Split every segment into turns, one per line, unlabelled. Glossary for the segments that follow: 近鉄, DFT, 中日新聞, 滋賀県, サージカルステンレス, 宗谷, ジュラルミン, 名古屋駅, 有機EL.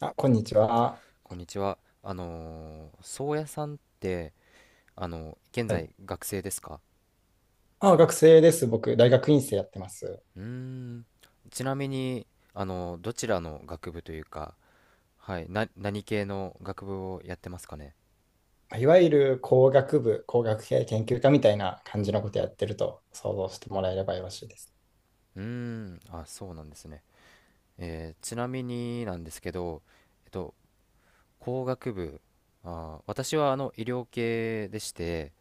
あ、こんにちは。
こんにちは。宗谷さんって、現
は
在
い。
学生ですか？
あ、学生です。僕、大学院生やってます。
うーん。ちなみに、どちらの学部というか、はい、何系の学部をやってますかね？
いわゆる工学部、工学系研究科みたいな感じのことやってると想像してもらえればよろしいです。
うーん。あ、そうなんですね。ちなみになんですけど、えっと、工学部、あー、私は医療系でして、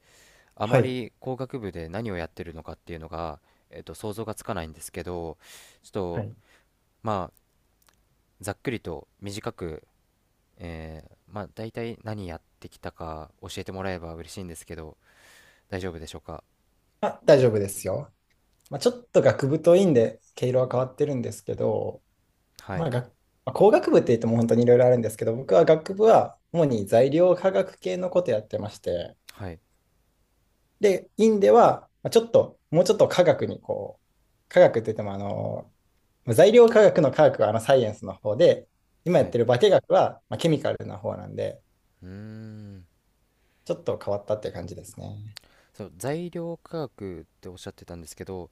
あ
は
ま
い。
り工学部で何をやってるのかっていうのが、想像がつかないんですけど、ちょっ
は
と、
い。
まあ、ざっくりと短く、まあ、大体何やってきたか教えてもらえば嬉しいんですけど、大丈夫でしょうか。
あ、大丈夫ですよ。まあ、ちょっと学部と院で毛色は変わってるんですけど、
は
ま
い、
あ、学まあ、工学部って言っても本当にいろいろあるんですけど、僕は学部は主に材料科学系のことやってまして、
はい、
で、院ではまあちょっと、もうちょっと科学にこう、科学って言ってもあの、まあ材料科学の科学はあのサイエンスの方で、今や
は
っ
い。
てる化学はまあケミカルな方なんで、
うーん。
ちょっと変わったって感じですね。
そう、材料価格っておっしゃってたんですけど、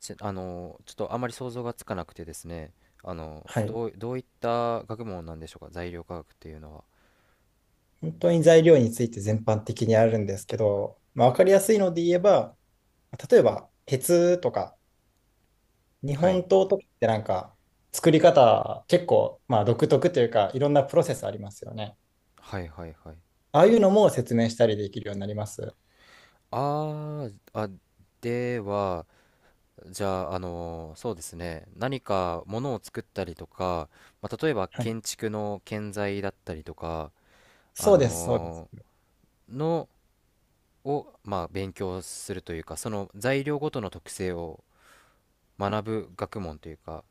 あの、ちょっとあまり想像がつかなくてですね、あの、
はい。
どういった学問なんでしょうか、材料価格っていうのは。
本当に材料について全般的にあるんですけど、まあ、わかりやすいので言えば、例えば鉄とか日
は
本
い、
刀とかってなんか作り方結構まあ独特というかいろんなプロセスありますよね。
はい、はい、はい。
ああいうのも説明したりできるようになります。
あー、あ、では、じゃあ、そうですね、何かものを作ったりとか、まあ、例えば
はい。
建築の建材だったりとか、あ
そうです、そうです。
のーのを、まあ、勉強するというか、その材料ごとの特性を学ぶ学問というか、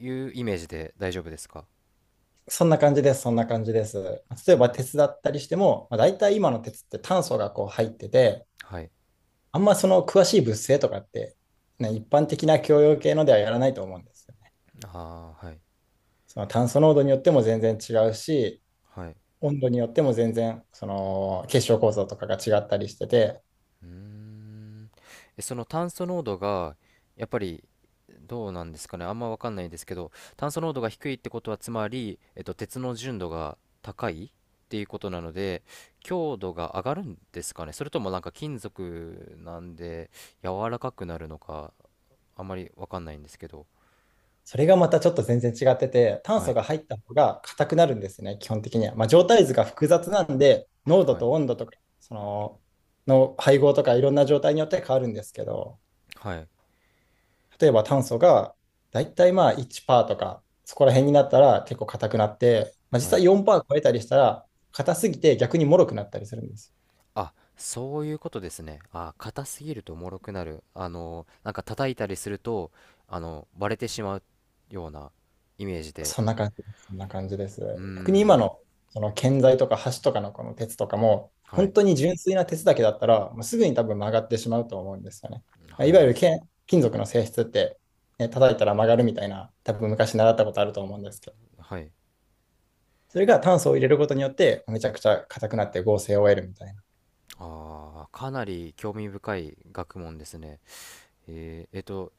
いうイメージで大丈夫ですか？
そんな感じです、そんな感じです。例えば鉄だったりしても、まあ、大体今の鉄って炭素がこう入ってて、
はい。
あんまその詳しい物性とかって、ね、一般的な共用系のではやらないと思うんですよね。
ああ、はい。
その炭素濃度によっても全然違うし、
はい。
温度によっても全然その結晶構造とかが違ったりしてて、
うーん。えその炭素濃度がやっぱりどうなんですかね、あんまわかんないですけど、炭素濃度が低いってことはつまり、鉄の純度が高いっていうことなので強度が上がるんですかね、それともなんか金属なんで柔らかくなるのか、あんまりわかんないんですけど。
それがまたちょっと全然違ってて、炭
は
素
い、
が入った方が硬くなるんですね、基本的には。まあ、状態図が複雑なんで、濃度
はい、
と温度とか、その配合とかいろんな状態によって変わるんですけど、
はい、
例えば炭素がだいたいまあ1%とか、そこら辺になったら結構硬くなって、まあ、実
はい。
際4%超えたりしたら、硬すぎて逆に脆くなったりするんです。
あ、そういうことですね。あ、硬すぎると脆くなる。あの、なんか叩いたりすると、あの、割れてしまうようなイメージで。
そんな感じです。そんな感じで
うー
す。逆に今
ん、
のその建材とか橋とかのこの鉄とかも、
はい、
本当に純粋な鉄だけだったら、もうすぐに多分曲がってしまうと思うんですよね。ま
は
あい
い、
わゆるけん金属の性質って、ね、叩いたら曲がるみたいな、多分昔習ったことあると思うんですけど、
はい。
それが炭素を入れることによって、めちゃくちゃ硬くなって合成を得るみたいな。
ああ、かなり興味深い学問ですね。えっと、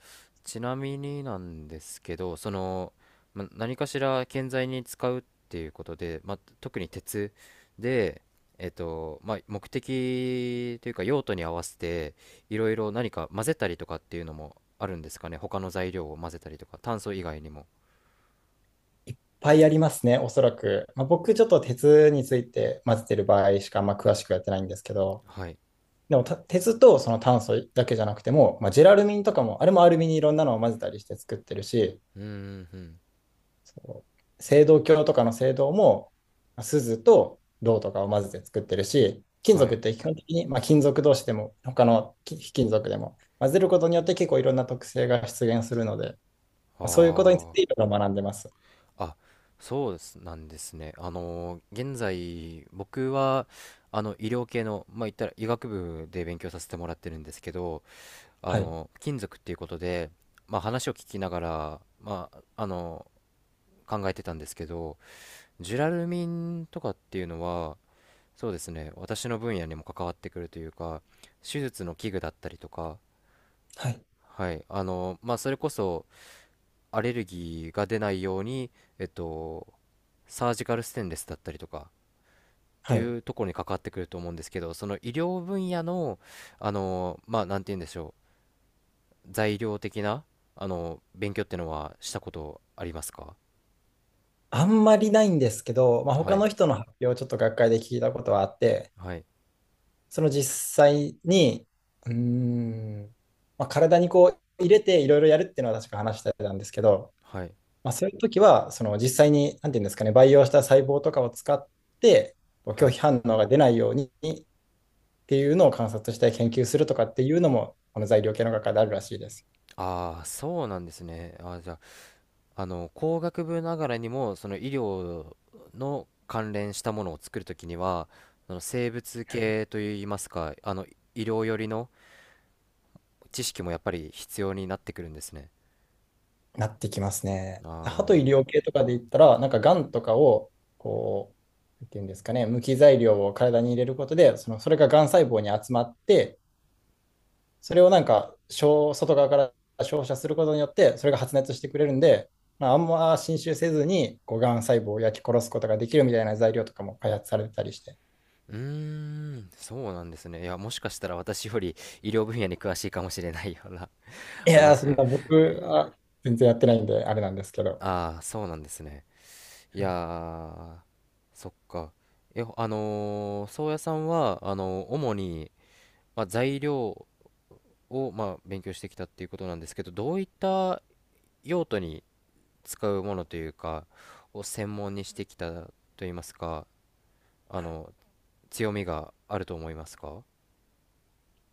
ちなみになんですけど、その、ま、何かしら建材に使うっていうことで、ま、特に鉄で、えっと、ま、目的というか用途に合わせて、いろいろ何か混ぜたりとかっていうのもあるんですかね。他の材料を混ぜたりとか、炭素以外にも。
いっぱいありますね、おそらく。まあ、僕、ちょっと鉄について混ぜてる場合しかあんま詳しくやってないんですけど、
はい。
でも鉄とその炭素だけじゃなくても、まあ、ジェラルミンとかも、あれもアルミにいろんなのを混ぜたりして作ってるし、
うーん、うん。
そう、青銅鏡とかの青銅も、ま錫と銅とかを混ぜて作ってるし、金
は
属
い。
って基本的に、まあ、金属同士でも、他の非金属でも、混ぜることによって結構いろんな特性が出現するので、ま
あ
あ、そういうことについ
あ。
ていろいろ学んでます。
あ、そうですなんですね。あの現在、僕は、あの、医療系の、まあ、言ったら医学部で勉強させてもらってるんですけど、あ
はい。
の、金属っていうことで、まあ、話を聞きながら、まあ、あの、考えてたんですけど、ジュラルミンとかっていうのは、そうですね、私の分野にも関わってくるというか、手術の器具だったりとか、
はい。
はい、あの、まあ、それこそ、アレルギーが出ないように、えっと、サージカルステンレスだったりとか、って
はい。
いうところに関わってくると思うんですけど、その医療分野の、あの、まあ、なんて言うんでしょう、材料的な、あの、勉強ってのはしたことありますか？
あんまりないんですけど、まあ、
は
他
い、
の人の発表をちょっと学会で聞いたことはあって、
はい、
その実際に、うーん、まあ、体にこう入れていろいろやるっていうのは確か話してたんですけど、
はい、
まあ、そういう時は、その実際に、なんていうんですかね、培養した細胞とかを使って、こう
は
拒
い。
否反応が出ないようにっていうのを観察して研究するとかっていうのも、この材料系の学会であるらしいです。
ああ、そうなんですね。あー、じゃあ、あの、工学部ながらにも、その医療の関連したものを作るときには、その生物系といいますか、あの、医療寄りの知識もやっぱり必要になってくるんですね。
なってきますね。
あ
歯と医療
あ。
系とかで言ったら、なんかがんとかを、こう、なんていうんですかね、無機材料を体に入れることで、その、それががん細胞に集まって、それをなんか、小外側から照射することによって、それが発熱してくれるんで、まあ、あんま侵襲せずに、こう、がん細胞を焼き殺すことができるみたいな材料とかも開発されてたりして。
うーん、そうなんですね。いや、もしかしたら私より医療分野に詳しいかもしれないような
い やー、そん
話。
な僕は全然やってないんで、あれなんですけど。
ああー、そうなんですね。い
は
や
い。
ー、そっか。え、宗谷さんは、主に、まあ、材料を、まあ、勉強してきたっていうことなんですけど、どういった用途に使うものというか、を専門にしてきたといいますか、あの、強みがあると思いますか？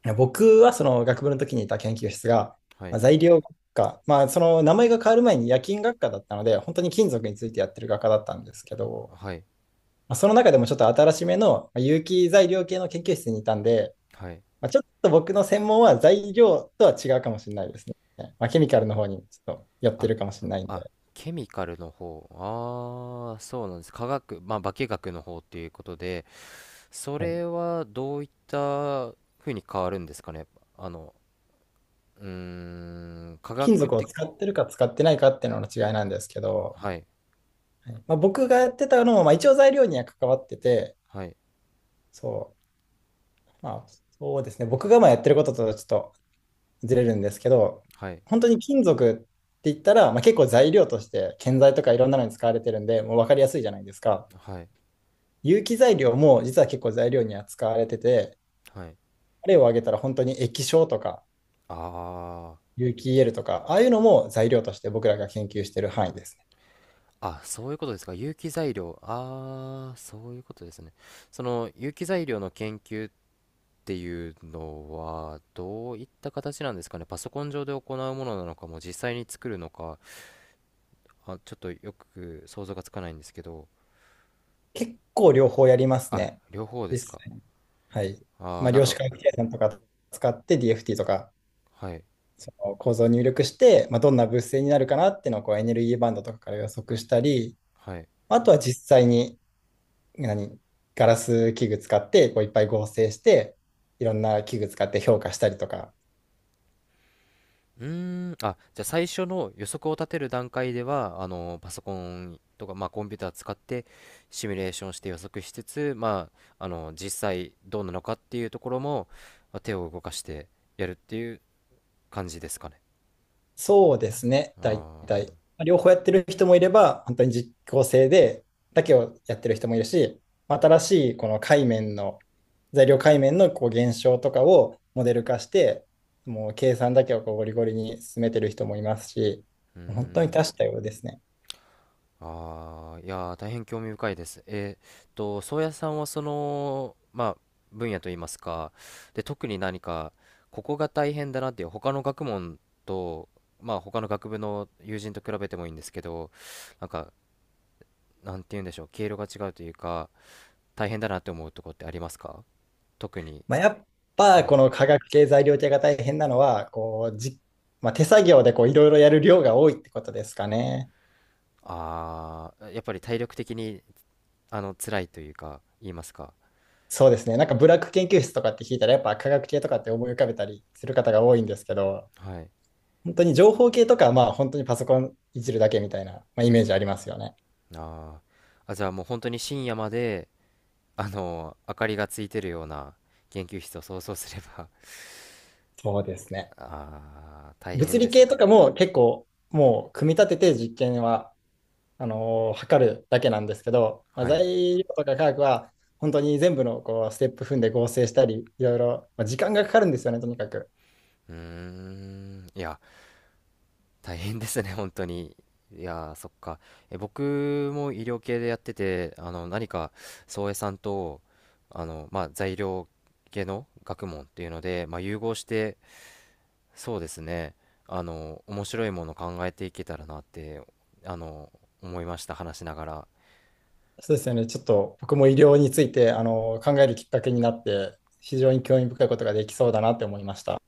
いや、僕はその学部の時にいた研究室が、
は
まあ、
い、
材料学科、まあ、その名前が変わる前に冶金学科だったので、本当に金属についてやってる学科だったんですけど、
はい、
まあ、その中でもちょっと新しめのまあ有機材料系の研究室にいたんで、
はい。
まあ、ちょっと僕の専門は材料とは違うかもしれないですね。まあ、ケミカルの方にちょっと寄って
あ、
るかもしれないん
あ、
で、
ケミカルの方。ああ、そうなんです。化学、まあ、化学の方っていうことで、そ
はい、
れはどういった風に変わるんですかね。あの、うーん、化
金
学
属を
的、
使ってるか使ってないかっていうのの違いなんですけど、
はい、
はい、まあ、僕がやってたのも、まあ、一応材料には関わってて、
はい、
そう、まあ、そうですね、僕がまあやってることとちょっとずれるんですけど、
はい、
本当に金属って言ったら、まあ、結構材料として建材とかいろんなのに使われてるんで、もう分かりやすいじゃないですか。
はい、
有機材料も実は結構材料には使われてて、
はい。
例を挙げたら本当に液晶とか
あ
有機 EL とか、ああいうのも材料として僕らが研究している範囲ですね。
あ、あ、そういうことですか。有機材料。ああ、そういうことですね。その有機材料の研究っていうのは、どういった形なんですかね。パソコン上で行うものなのかも、実際に作るのか。あ、ちょっとよく想像がつかないんですけど、
結構両方やります
あ、
ね。
両方で
実
すか。
際はい。
あ
ま
ー、
あ、
なん
量子
か、
回避計算とか使って DFT とか、
はい、
その構造を入力して、まあ、どんな物性になるかなっていうのをこうエネルギーバンドとかから予測したり、
はい。
あとは実際に、何、ガラス器具使ってこういっぱい合成して、いろんな器具使って評価したりとか、
うーん、あ、じゃあ最初の予測を立てる段階では、あの、パソコンとか、まあ、コンピューター使ってシミュレーションして予測しつつ、まあ、あの、実際どうなのかっていうところも、まあ手を動かしてやるっていう感じですかね。
そうですね、大
ああ。
体。両方やってる人もいれば、本当に実効性で、だけをやってる人もいるし、新しいこの界面の、材料界面のこう現象とかをモデル化して、もう計算だけをこうゴリゴリに進めてる人もいますし、
うー
本当に多
ん。
種多様ですね。
ああ、いやー、大変興味深いです。っと、宗谷さんはその、まあ、分野といいますか、で、特に何か、ここが大変だなっていう、他の学問と、まあ、他の学部の友人と比べてもいいんですけど、なんか、なんて言うんでしょう、経路が違うというか、大変だなって思うとこってありますか？特に。
まあ、やっぱ
はい。
この化学系材料系が大変なのは、こうじ、まあ、手作業でこういろいろやる量が多いってことですかね。
ああ、やっぱり体力的に、あの、辛いというか、言いますか。
そうですね。なんかブラック研究室とかって聞いたら、やっぱ科学系とかって思い浮かべたりする方が多いんですけど、
はい。
本当に情報系とかはまあ本当にパソコンいじるだけみたいな、まあ、イメージありますよね。
あーあ、じゃあもう本当に深夜まで、あの明かりがついてるような研究室を想像すれば。
そうですね。
あー大
物
変で
理
す
系と
ね。
かも結構もう組み立てて実験は測るだけなんですけど、まあ、
はい。
材料とか科学は本当に全部のこうステップ踏んで合成したり、いろいろ、まあ、時間がかかるんですよね、とにかく。
うーん、いや、大変ですね、本当に。いやー、そっか。え、僕も医療系でやってて、あの何か、宗江さんと、あの、まあ、材料系の学問っていうので、まあ、融合して、そうですね、あの面白いものを考えていけたらなって、あの思いました、話しながら。
そうですよね。ちょっと僕も医療についてあの考えるきっかけになって、非常に興味深いことができそうだなって思いました。